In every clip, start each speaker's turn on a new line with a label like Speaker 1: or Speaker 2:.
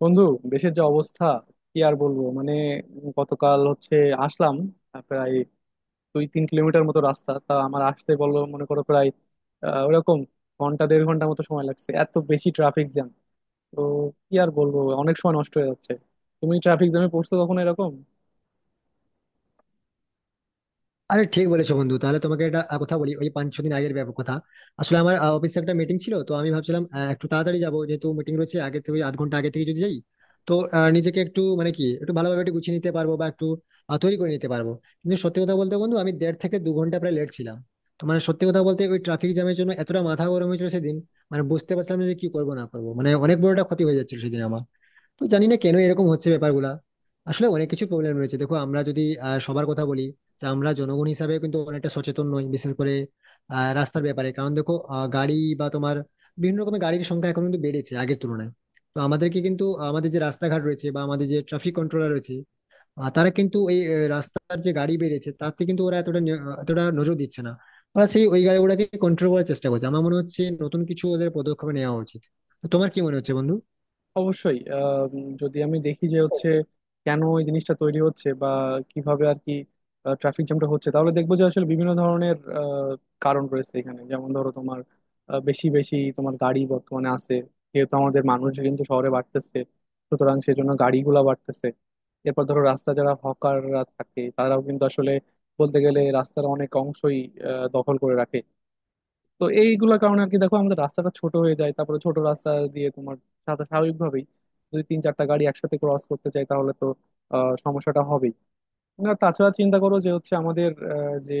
Speaker 1: বন্ধু, দেশের যে অবস্থা কি আর বলবো। মানে গতকাল হচ্ছে আসলাম, প্রায় 2-3 কিলোমিটার মতো রাস্তা তা আমার আসতে বললো মনে করো প্রায় ওরকম ঘন্টা দেড় ঘন্টা মতো সময় লাগছে, এত বেশি ট্রাফিক জ্যাম। তো কি আর বলবো, অনেক সময় নষ্ট হয়ে যাচ্ছে। তুমি ট্রাফিক জ্যামে পড়ছো কখনো এরকম?
Speaker 2: আরে, ঠিক বলেছো বন্ধু। তাহলে তোমাকে একটা কথা বলি — ওই 5-6 দিন আগের ব্যাপার কথা। আসলে আমার অফিসে একটা মিটিং ছিল, তো আমি ভাবছিলাম একটু তাড়াতাড়ি যাবো, যেহেতু মিটিং রয়েছে আগে থেকে, ওই আধ ঘন্টা আগে থেকে যদি যাই, তো নিজেকে একটু মানে কি একটু ভালোভাবে একটু গুছিয়ে নিতে পারবো বা একটু তৈরি করে নিতে পারবো। কিন্তু সত্যি কথা বলতে বন্ধু, আমি 1.5 থেকে 2 ঘন্টা প্রায় লেট ছিলাম। তো মানে সত্যি কথা বলতে ওই ট্রাফিক জ্যামের জন্য এতটা মাথা গরম হয়েছিল সেদিন। মানে বুঝতে পারছিলাম না যে কি করবো না করবো, মানে অনেক বড় একটা ক্ষতি হয়ে যাচ্ছিল সেদিন আমার। তো জানি না কেন এরকম হচ্ছে ব্যাপারগুলা। আসলে অনেক কিছু প্রবলেম রয়েছে। দেখো, আমরা যদি সবার কথা বলি, যে আমরা জনগণ হিসাবে কিন্তু অনেকটা সচেতন নই, বিশেষ করে রাস্তার ব্যাপারে। কারণ দেখো, গাড়ি বা তোমার বিভিন্ন রকমের গাড়ির সংখ্যা এখন কিন্তু বেড়েছে আগের তুলনায়। তো আমাদেরকে কিন্তু আমাদের যে রাস্তাঘাট রয়েছে বা আমাদের যে ট্রাফিক কন্ট্রোলার রয়েছে, তারা কিন্তু এই রাস্তার যে গাড়ি বেড়েছে তাতে কিন্তু ওরা এতটা এতটা নজর দিচ্ছে না। ওরা সেই ওই গাড়িগুলোকে কন্ট্রোল করার চেষ্টা করছে। আমার মনে হচ্ছে নতুন কিছু ওদের পদক্ষেপ নেওয়া উচিত। তো তোমার কি মনে হচ্ছে বন্ধু?
Speaker 1: অবশ্যই। যদি আমি দেখি যে হচ্ছে কেন এই জিনিসটা তৈরি হচ্ছে বা কিভাবে আর কি ট্রাফিক জ্যামটা হচ্ছে, তাহলে দেখবো যে আসলে বিভিন্ন ধরনের কারণ রয়েছে এখানে। যেমন ধরো তোমার বেশি বেশি তোমার গাড়ি বর্তমানে আছে। যেহেতু আমাদের মানুষ কিন্তু শহরে বাড়তেছে, সুতরাং সেজন্য গাড়িগুলা বাড়তেছে। এরপর ধরো রাস্তা, যারা হকাররা থাকে তারাও কিন্তু আসলে বলতে গেলে রাস্তার অনেক অংশই দখল করে রাখে। তো এইগুলোর কারণে আর কি, দেখো আমাদের রাস্তাটা ছোট হয়ে যায়। তারপরে ছোট রাস্তা দিয়ে তোমার সাথে স্বাভাবিকভাবেই যদি তিন চারটা গাড়ি একসাথে ক্রস করতে চাই তাহলে তো সমস্যাটা হবেই না। তাছাড়া চিন্তা করো যে হচ্ছে আমাদের যে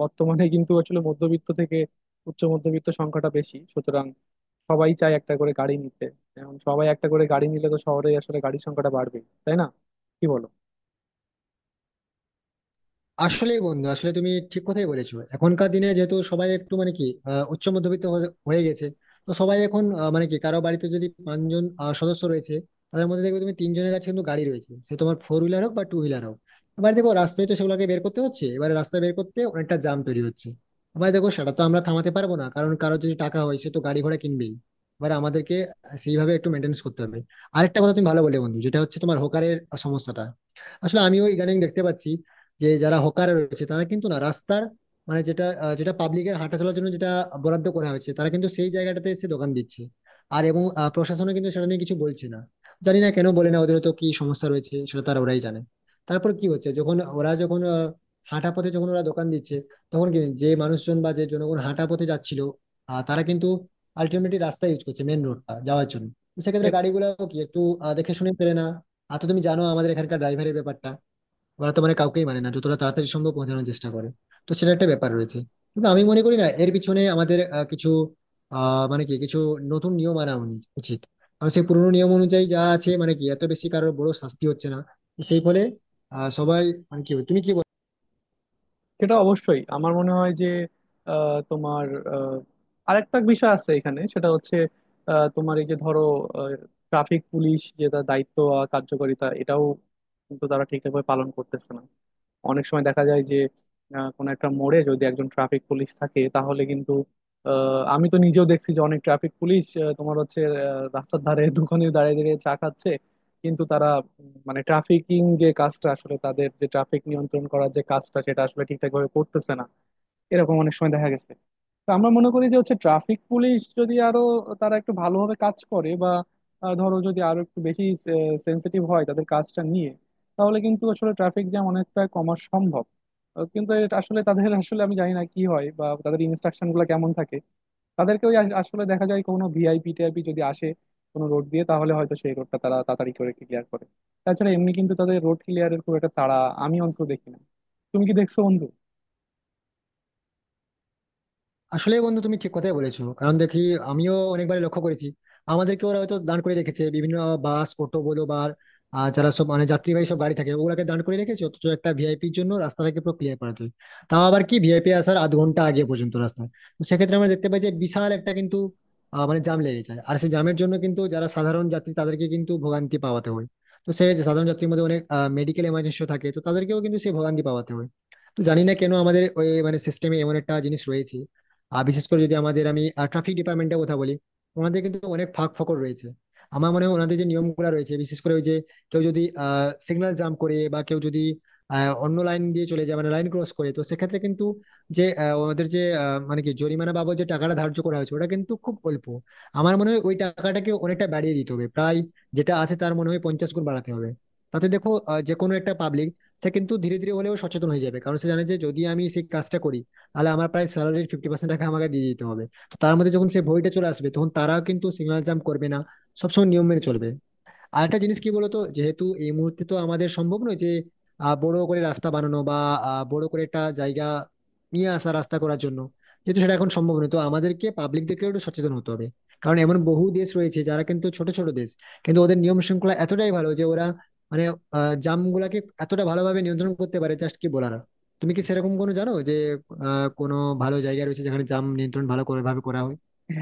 Speaker 1: বর্তমানে কিন্তু আসলে মধ্যবিত্ত থেকে উচ্চ মধ্যবিত্ত সংখ্যাটা বেশি, সুতরাং সবাই চায় একটা করে গাড়ি নিতে। এখন সবাই একটা করে গাড়ি নিলে তো শহরে আসলে গাড়ির সংখ্যাটা বাড়বে, তাই না? কি বলো?
Speaker 2: আসলেই বন্ধু, আসলে তুমি ঠিক কথাই বলেছো। এখনকার দিনে যেহেতু সবাই একটু মানে কি উচ্চ মধ্যবিত্ত হয়ে হয়ে গেছে। তো সবাই এখন মানে কি কারো বাড়িতে যদি 5 জন সদস্য রয়েছে, তাদের মধ্যে দেখবে তুমি 3 জনের কাছে কিন্তু গাড়ি রয়েছে, সে তোমার ফোর হুইলার হোক বা টু হুইলার হোক। এবার দেখো, রাস্তায় তো সেগুলোকে বের করতে হচ্ছে। এবার রাস্তা বের করতে অনেকটা জ্যাম তৈরি হচ্ছে। এবার দেখো সেটা তো আমরা থামাতে পারবো না, কারণ কারো যদি টাকা হয় সে তো গাড়ি ঘোড়া কিনবেই। এবার আমাদেরকে সেইভাবে একটু মেনটেন্স করতে হবে। আরেকটা কথা তুমি ভালো বলে বন্ধু, যেটা হচ্ছে তোমার হকারের সমস্যাটা। আসলে আমিও ইদানিং দেখতে পাচ্ছি যে যারা হকার রয়েছে তারা কিন্তু না, রাস্তার মানে যেটা যেটা পাবলিকের হাঁটা চলার জন্য যেটা বরাদ্দ করা হয়েছে, তারা কিন্তু সেই জায়গাটাতে এসে দোকান দিচ্ছে। এবং প্রশাসনও কিন্তু সেটা নিয়ে কিছু বলছে না। জানি না কেন বলে না, ওদের তো কি সমস্যা রয়েছে সেটা তারা ওরাই জানে। তারপর কি হচ্ছে, যখন ওরা যখন আহ, হাঁটা পথে যখন ওরা দোকান দিচ্ছে, তখন কি যে মানুষজন বা যে জনগণ হাঁটা পথে যাচ্ছিল, তারা কিন্তু আলটিমেটলি রাস্তা ইউজ করছে মেন রোডটা যাওয়ার জন্য। তো সেক্ষেত্রে গাড়িগুলো কি একটু দেখে শুনে পেরে না। আর তো তুমি জানো আমাদের এখানকার ড্রাইভারের ব্যাপারটা, ওরা তো মানে কাউকেই মানে না, যতটা তাড়াতাড়ি সম্ভব পৌঁছানোর চেষ্টা করে। তো সেটা একটা ব্যাপার রয়েছে। কিন্তু আমি মনে করি না এর পিছনে আমাদের কিছু মানে কি কিছু নতুন নিয়ম আনা উচিত। কারণ সেই পুরোনো নিয়ম অনুযায়ী যা আছে মানে কি এত বেশি কারোর বড় শাস্তি হচ্ছে না। তো সেই ফলে সবাই মানে কি, তুমি কি বলো?
Speaker 1: সেটা অবশ্যই। আমার মনে হয় যে তোমার আহ, আরেকটা বিষয় আছে এখানে, সেটা হচ্ছে তোমার এই যে ধরো ট্রাফিক পুলিশ, যে তার দায়িত্ব আর কার্যকারিতা, এটাও কিন্তু তারা ঠিকঠাকভাবে পালন করতেছে না। অনেক সময় দেখা যায় যে কোনো একটা মোড়ে যদি একজন ট্রাফিক পুলিশ থাকে তাহলে কিন্তু আমি তো নিজেও দেখছি যে অনেক ট্রাফিক পুলিশ তোমার হচ্ছে রাস্তার ধারে দোকানে দাঁড়িয়ে দাঁড়িয়ে চা খাচ্ছে। কিন্তু তারা মানে ট্রাফিকিং যে কাজটা আসলে তাদের, যে ট্রাফিক নিয়ন্ত্রণ করার যে কাজটা সেটা আসলে ঠিকঠাক ভাবে করতেছে না। এরকম অনেক সময় দেখা গেছে। তো আমরা মনে করি যে হচ্ছে ট্রাফিক পুলিশ যদি আরো, তারা একটু ভালোভাবে কাজ করে বা ধরো যদি আরো একটু বেশি সেন্সিটিভ হয় তাদের কাজটা নিয়ে, তাহলে কিন্তু আসলে ট্রাফিক জ্যাম অনেকটা কমা সম্ভব। কিন্তু এটা আসলে তাদের আসলে আমি জানি না কি হয় বা তাদের ইনস্ট্রাকশন গুলো কেমন থাকে। তাদেরকে ওই আসলে দেখা যায় কোনো ভিআইপি টিআইপি যদি আসে কোনো রোড দিয়ে, তাহলে হয়তো সেই রোডটা তারা তাড়াতাড়ি করে ক্লিয়ার করে। তাছাড়া এমনি কিন্তু তাদের রোড ক্লিয়ারের খুব একটা তাড়া আমি অন্তত দেখি না। তুমি কি দেখছো বন্ধু?
Speaker 2: আসলে বন্ধু, তুমি ঠিক কথাই বলেছো। কারণ দেখি, আমিও অনেকবার লক্ষ্য করেছি, আমাদেরকে ওরা হয়তো দান করে রেখেছে বিভিন্ন বাস অটো বলো বা যারা সব মানে যাত্রীবাহী সব গাড়ি থাকে ওগুলাকে দান করে রেখেছে, অথচ একটা ভিআইপির জন্য রাস্তাটাকে পুরো ক্লিয়ার করাতে হয়। তাও আবার কি, ভিআইপি আসার আধ ঘন্টা আগে পর্যন্ত রাস্তা। তো সেক্ষেত্রে আমরা দেখতে পাই যে বিশাল একটা কিন্তু মানে জাম লেগে যায়। আর সেই জামের জন্য কিন্তু যারা সাধারণ যাত্রী তাদেরকে কিন্তু ভোগান্তি পাওয়াতে হয়। তো সেই যে সাধারণ যাত্রীর মধ্যে অনেক মেডিকেল এমার্জেন্সি থাকে, তো তাদেরকেও কিন্তু সেই ভোগান্তি পাওয়াতে হয়। তো জানি না কেন আমাদের ওই মানে সিস্টেমে এমন একটা জিনিস রয়েছে। আর বিশেষ করে যদি আমি ট্রাফিক ডিপার্টমেন্টের কথা বলি, ওনাদের কিন্তু অনেক ফাঁক ফকর রয়েছে। আমার মনে হয় ওনাদের যে নিয়মগুলো রয়েছে, বিশেষ করে ওই যে কেউ যদি সিগন্যাল জাম্প করে বা কেউ যদি অন্য লাইন দিয়ে চলে যায় মানে লাইন ক্রস করে, তো সেক্ষেত্রে কিন্তু যে ওনাদের যে মানে কি জরিমানা বাবদ যে টাকাটা ধার্য করা হয়েছে ওটা কিন্তু খুব অল্প। আমার মনে হয় ওই টাকাটাকে অনেকটা বাড়িয়ে দিতে হবে, প্রায় যেটা আছে তার মনে হয় 50 গুণ বাড়াতে হবে। তাতে দেখো, যে কোনো একটা পাবলিক সে কিন্তু ধীরে ধীরে হলেও সচেতন হয়ে যাবে, কারণ সে জানে যে যদি আমি সেই কাজটা করি তাহলে আমার প্রায় স্যালারির 50% টাকা আমাকে দিয়ে দিতে হবে। তো তার মধ্যে যখন সেই ভয়টা চলে আসবে তখন তারাও কিন্তু সিগন্যাল জাম্প করবে না, সবসময় নিয়ম মেনে চলবে। আর একটা জিনিস কি বলতো, যেহেতু এই মুহূর্তে তো আমাদের সম্ভব নয় যে বড় করে রাস্তা বানানো বা বড় করে একটা জায়গা নিয়ে আসা রাস্তা করার জন্য। যেহেতু সেটা এখন সম্ভব নয়, তো আমাদেরকে পাবলিকদেরকে একটু সচেতন হতে হবে। কারণ এমন বহু দেশ রয়েছে যারা কিন্তু ছোট ছোট দেশ, কিন্তু ওদের নিয়ম শৃঙ্খলা এতটাই ভালো যে ওরা মানে জামগুলাকে এতটা ভালোভাবে নিয়ন্ত্রণ করতে পারে, জাস্ট কি বলার। তুমি কি সেরকম কোনো জানো যে কোনো ভালো জায়গা রয়েছে যেখানে জাম নিয়ন্ত্রণ ভালো করে ভাবে করা হয়?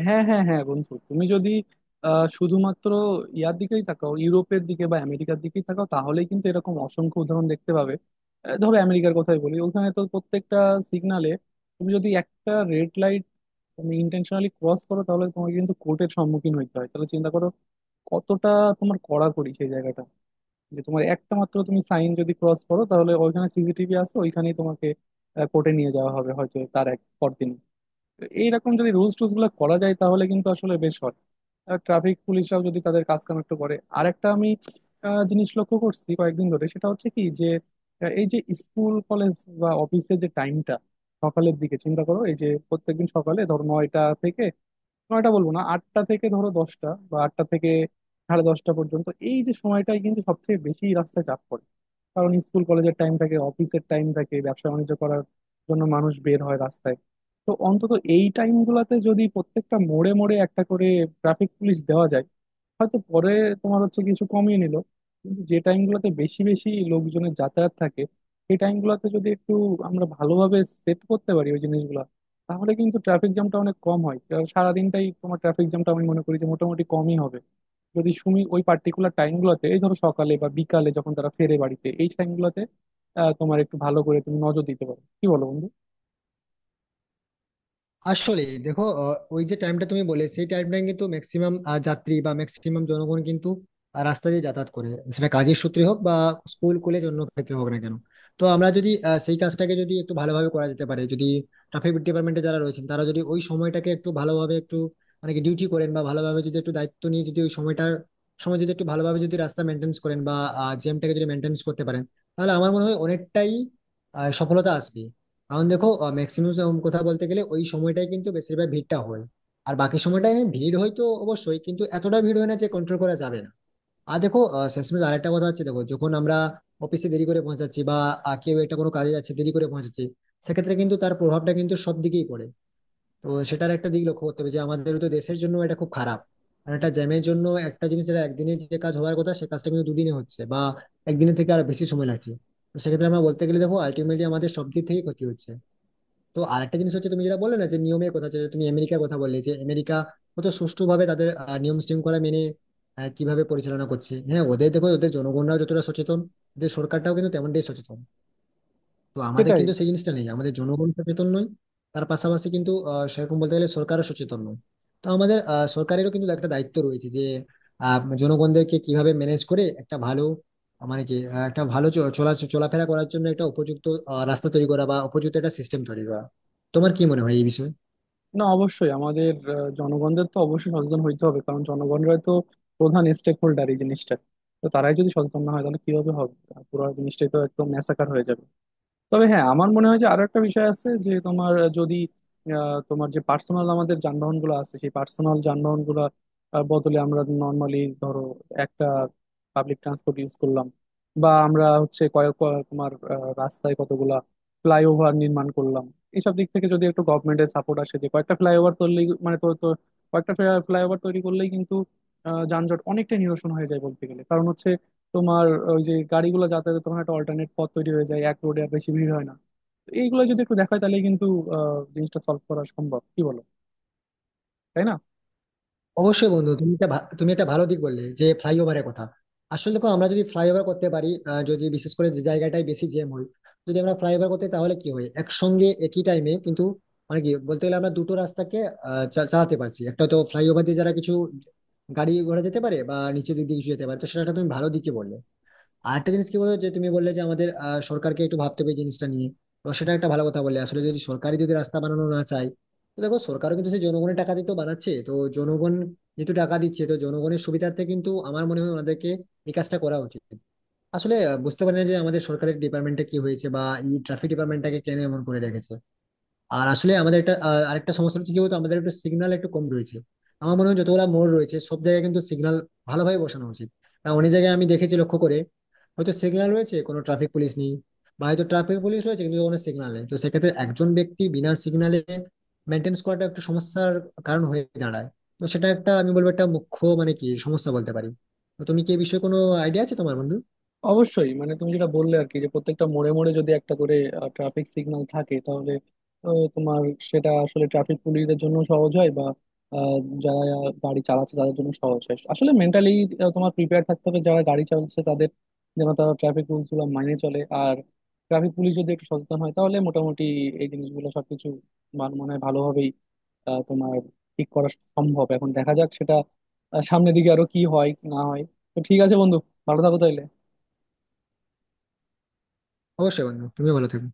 Speaker 1: হ্যাঁ, হ্যাঁ, হ্যাঁ, বন্ধু, তুমি যদি শুধুমাত্র ইয়ার দিকেই তাকাও, ইউরোপের দিকে বা আমেরিকার দিকেই তাকাও তাহলেই কিন্তু এরকম অসংখ্য উদাহরণ দেখতে পাবে। ধরো আমেরিকার কথাই বলি, ওখানে তো প্রত্যেকটা সিগনালে তুমি যদি একটা রেড লাইট তুমি ইন্টেনশনালি ক্রস করো তাহলে তোমাকে কিন্তু কোর্টের সম্মুখীন হইতে হয়। তাহলে চিন্তা করো কতটা তোমার কড়াকড়ি সেই জায়গাটা। যে তোমার একটা মাত্র তুমি সাইন যদি ক্রস করো তাহলে ওইখানে সিসিটিভি আছে, ওইখানেই তোমাকে কোর্টে নিয়ে যাওয়া হবে হয়তো তার এক পরদিন। তো এইরকম যদি রুলস টুলস গুলো করা যায় তাহলে কিন্তু আসলে বেশ হয়। ট্রাফিক পুলিশরাও যদি তাদের কাজ কাম একটু করে। আর একটা আমি জিনিস লক্ষ্য করছি কয়েকদিন ধরে, সেটা হচ্ছে কি যে এই যে স্কুল কলেজ বা অফিসের যে টাইমটা সকালের দিকে চিন্তা করো। এই যে প্রত্যেকদিন সকালে ধরো 9টা থেকে 9টা বলবো না, 8টা থেকে ধরো 10টা বা 8টা থেকে সাড়ে 10টা পর্যন্ত এই যে সময়টাই কিন্তু সবচেয়ে বেশি রাস্তায় চাপ পড়ে। কারণ স্কুল কলেজের টাইম থাকে, অফিসের টাইম থাকে, ব্যবসা বাণিজ্য করার জন্য মানুষ বের হয় রাস্তায়। তো অন্তত এই টাইম গুলাতে যদি প্রত্যেকটা মোড়ে মোড়ে একটা করে ট্রাফিক পুলিশ দেওয়া যায়, হয়তো পরে তোমার হচ্ছে কিছু কমিয়ে নিল। কিন্তু যে টাইম গুলোতে বেশি বেশি লোকজনের যাতায়াত থাকে সেই টাইম গুলোতে যদি একটু আমরা ভালোভাবে সেট করতে পারি ওই জিনিসগুলো, তাহলে কিন্তু ট্রাফিক জ্যামটা অনেক কম হয়। আর সারাদিনটাই তোমার ট্রাফিক জ্যামটা আমি মনে করি যে মোটামুটি কমই হবে যদি তুমি ওই পার্টিকুলার টাইমগুলোতে, এই ধরো সকালে বা বিকালে যখন তারা ফেরে বাড়িতে এই টাইমগুলোতে তোমার একটু ভালো করে তুমি নজর দিতে পারো। কি বলো বন্ধু?
Speaker 2: আসলে দেখো, ওই যে টাইমটা তুমি বলে সেই টাইমটা কিন্তু ম্যাক্সিমাম যাত্রী বা ম্যাক্সিমাম জনগণ কিন্তু রাস্তা দিয়ে যাতায়াত করে, সেটা কাজের সূত্রে হোক বা স্কুল কলেজ অন্য ক্ষেত্রে হোক না কেন। তো আমরা যদি সেই কাজটাকে যদি একটু ভালোভাবে করা যেতে পারে, যদি ট্রাফিক ডিপার্টমেন্টে যারা রয়েছেন তারা যদি ওই সময়টাকে একটু ভালোভাবে একটু মানে কি ডিউটি করেন বা ভালোভাবে যদি একটু দায়িত্ব নিয়ে যদি ওই সময়টার সময় যদি একটু ভালোভাবে যদি রাস্তা মেনটেন্স করেন বা জ্যামটাকে যদি মেনটেন্স করতে পারেন, তাহলে আমার মনে হয় অনেকটাই সফলতা আসবে। কারণ দেখো, ম্যাক্সিমাম কথা বলতে গেলে ওই সময়টাই কিন্তু বেশিরভাগ ভিড়টা হয়। আর বাকি সময়টায় হ্যাঁ, ভিড় হয় তো অবশ্যই, কিন্তু এতটা ভিড় হয় না যে কন্ট্রোল করা যাবে না। আর দেখো, শেষমেশ আরেকটা কথা হচ্ছে, দেখো যখন আমরা অফিসে দেরি করে পৌঁছাচ্ছি বা কেউ একটা কোনো কাজে যাচ্ছে দেরি করে পৌঁছাচ্ছি, সেক্ষেত্রে কিন্তু তার প্রভাবটা কিন্তু সব দিকেই পড়ে। তো সেটার একটা দিক লক্ষ্য করতে হবে যে আমাদের তো দেশের জন্য এটা খুব খারাপ। কারণ একটা জ্যামের জন্য একটা জিনিস যেটা একদিনে যে কাজ হওয়ার কথা সে কাজটা কিন্তু দুদিনে হচ্ছে, বা একদিনের থেকে আরো বেশি সময় লাগছে। তো সেক্ষেত্রে আমরা বলতে গেলে দেখো আলটিমেটলি আমাদের সব দিক থেকে ক্ষতি হচ্ছে। তো আরেকটা জিনিস হচ্ছে তুমি যেটা বললে না, যে নিয়মের কথা, যে তুমি আমেরিকার কথা বললে যে আমেরিকা কত সুষ্ঠুভাবে তাদের নিয়ম শৃঙ্খলা মেনে কিভাবে পরিচালনা করছে। হ্যাঁ ওদের দেখো, ওদের জনগণরাও যতটা সচেতন, ওদের সরকারটাও কিন্তু তেমনটাই সচেতন। তো আমাদের
Speaker 1: সেটাই।
Speaker 2: কিন্তু সেই জিনিসটা নেই, আমাদের জনগণ সচেতন নয়। তার পাশাপাশি কিন্তু সেরকম বলতে গেলে সরকারও সচেতন নয়। তো আমাদের সরকারেরও কিন্তু একটা দায়িত্ব রয়েছে যে জনগণদেরকে কিভাবে ম্যানেজ করে একটা ভালো মানে কি একটা ভালো চলা চলাফেরা করার জন্য একটা উপযুক্ত রাস্তা তৈরি করা বা উপযুক্ত একটা সিস্টেম তৈরি করা। তোমার কি মনে হয় এই বিষয়ে?
Speaker 1: না, অবশ্যই আমাদের জনগণদের তো অবশ্যই সচেতন হইতে হবে, কারণ জনগণরাই তো প্রধান স্টেক হোল্ডার এই জিনিসটা। তো তারাই যদি সচেতন না হয় তাহলে কিভাবে হবে? পুরো জিনিসটাই তো একদম ম্যাসাকার হয়ে যাবে। তবে হ্যাঁ, আমার মনে হয় যে আরো একটা বিষয় আছে যে তোমার যদি তোমার যে পার্সোনাল আমাদের যানবাহন গুলো আছে সেই পার্সোনাল যানবাহন গুলো বদলে আমরা নর্মালি ধরো একটা পাবলিক ট্রান্সপোর্ট ইউজ করলাম, বা আমরা হচ্ছে কয়েক কয়েক তোমার রাস্তায় কতগুলা ফ্লাইওভার নির্মাণ করলাম। এইসব দিক থেকে যদি একটু গভর্নমেন্টের সাপোর্ট আসে যে কয়েকটা ফ্লাইওভার তৈরি মানে তো তো কয়েকটা ফ্লাইওভার তৈরি করলেই কিন্তু যানজট অনেকটা নিরসন হয়ে যায় বলতে গেলে। কারণ হচ্ছে তোমার ওই যে গাড়িগুলো যাতায়াতে তোমার একটা অল্টারনেট পথ তৈরি হয়ে যায়, এক রোডে আর বেশি ভিড় হয় না। তো এইগুলো যদি একটু দেখায় তাহলে কিন্তু জিনিসটা সলভ করা সম্ভব। কি বলো? তাই না?
Speaker 2: অবশ্যই বন্ধু, তুমি একটা তুমি একটা ভালো দিক বললে যে ফ্লাইওভারের কথা। আসলে দেখো, আমরা যদি ফ্লাইওভার করতে পারি, যদি বিশেষ করে যে জায়গাটায় বেশি জ্যাম হয় যদি আমরা ফ্লাইওভার করতে, তাহলে কি হয় একসঙ্গে একই টাইমে কিন্তু মানে কি বলতে গেলে আমরা দুটো রাস্তাকে চালাতে পারছি। একটা তো ফ্লাইওভার দিয়ে যারা কিছু গাড়ি ঘোড়া যেতে পারে বা নিচে দিক দিয়ে কিছু যেতে পারে। তো সেটা একটা তুমি ভালো দিকে বললে। আরেকটা জিনিস কি বলতো যে তুমি বললে যে আমাদের সরকারকে একটু ভাবতে হবে এই জিনিসটা নিয়ে। তো সেটা একটা ভালো কথা বললে। আসলে যদি সরকারই যদি রাস্তা বানানো না চায়, তো দেখো সরকারও কিন্তু সেই জনগণের টাকা দিয়ে তো বানাচ্ছে, তো জনগণ যেহেতু টাকা দিচ্ছে তো জনগণের সুবিধার্থে কিন্তু আমার মনে হয় ওনাদেরকে এই কাজটা করা উচিত। আসলে বুঝতে পারি না যে আমাদের সরকারের ডিপার্টমেন্টে কি হয়েছে বা এই ট্রাফিক ডিপার্টমেন্টটাকে কেন এমন করে রেখেছে। আর আসলে আমাদের একটা আরেকটা সমস্যা হচ্ছে কি বলতো, আমাদের একটু সিগন্যাল একটু কম রয়েছে। আমার মনে হয় যতগুলো মোড় রয়েছে সব জায়গায় কিন্তু সিগন্যাল ভালোভাবে বসানো উচিত। আর অনেক জায়গায় আমি দেখেছি লক্ষ্য করে, হয়তো সিগন্যাল রয়েছে কোনো ট্রাফিক পুলিশ নেই, বা হয়তো ট্রাফিক পুলিশ রয়েছে কিন্তু কোনো সিগন্যাল নেই। তো সেক্ষেত্রে একজন ব্যক্তি বিনা সিগন্যালে মেনটেন্স করাটা একটু সমস্যার কারণ হয়ে দাঁড়ায়। তো সেটা একটা আমি বলবো একটা মুখ্য মানে কি সমস্যা বলতে পারি। তো তুমি কি এই বিষয়ে কোনো আইডিয়া আছে তোমার বন্ধু?
Speaker 1: অবশ্যই। মানে তুমি যেটা বললে আর কি, যে প্রত্যেকটা মোড়ে মোড়ে যদি একটা করে ট্রাফিক সিগন্যাল থাকে, তাহলে তোমার সেটা আসলে ট্রাফিক পুলিশদের জন্য সহজ হয় বা আহ, যারা গাড়ি চালাচ্ছে তাদের জন্য সহজ হয়। আসলে মেন্টালি তোমার প্রিপেয়ার থাকতে হবে যারা গাড়ি চালাচ্ছে তাদের, যেন তারা ট্রাফিক রুলস গুলো মাইনে চলে। আর ট্রাফিক পুলিশ যদি একটু সচেতন হয় তাহলে মোটামুটি এই জিনিসগুলো সবকিছু মনে হয় ভালোভাবেই তোমার ঠিক করা সম্ভব। এখন দেখা যাক সেটা সামনের দিকে আরো কি হয় না হয়। তো ঠিক আছে বন্ধু, ভালো থাকো তাহলে।
Speaker 2: অবশ্যই বন্ধু, তুমিও ভালো থেকো।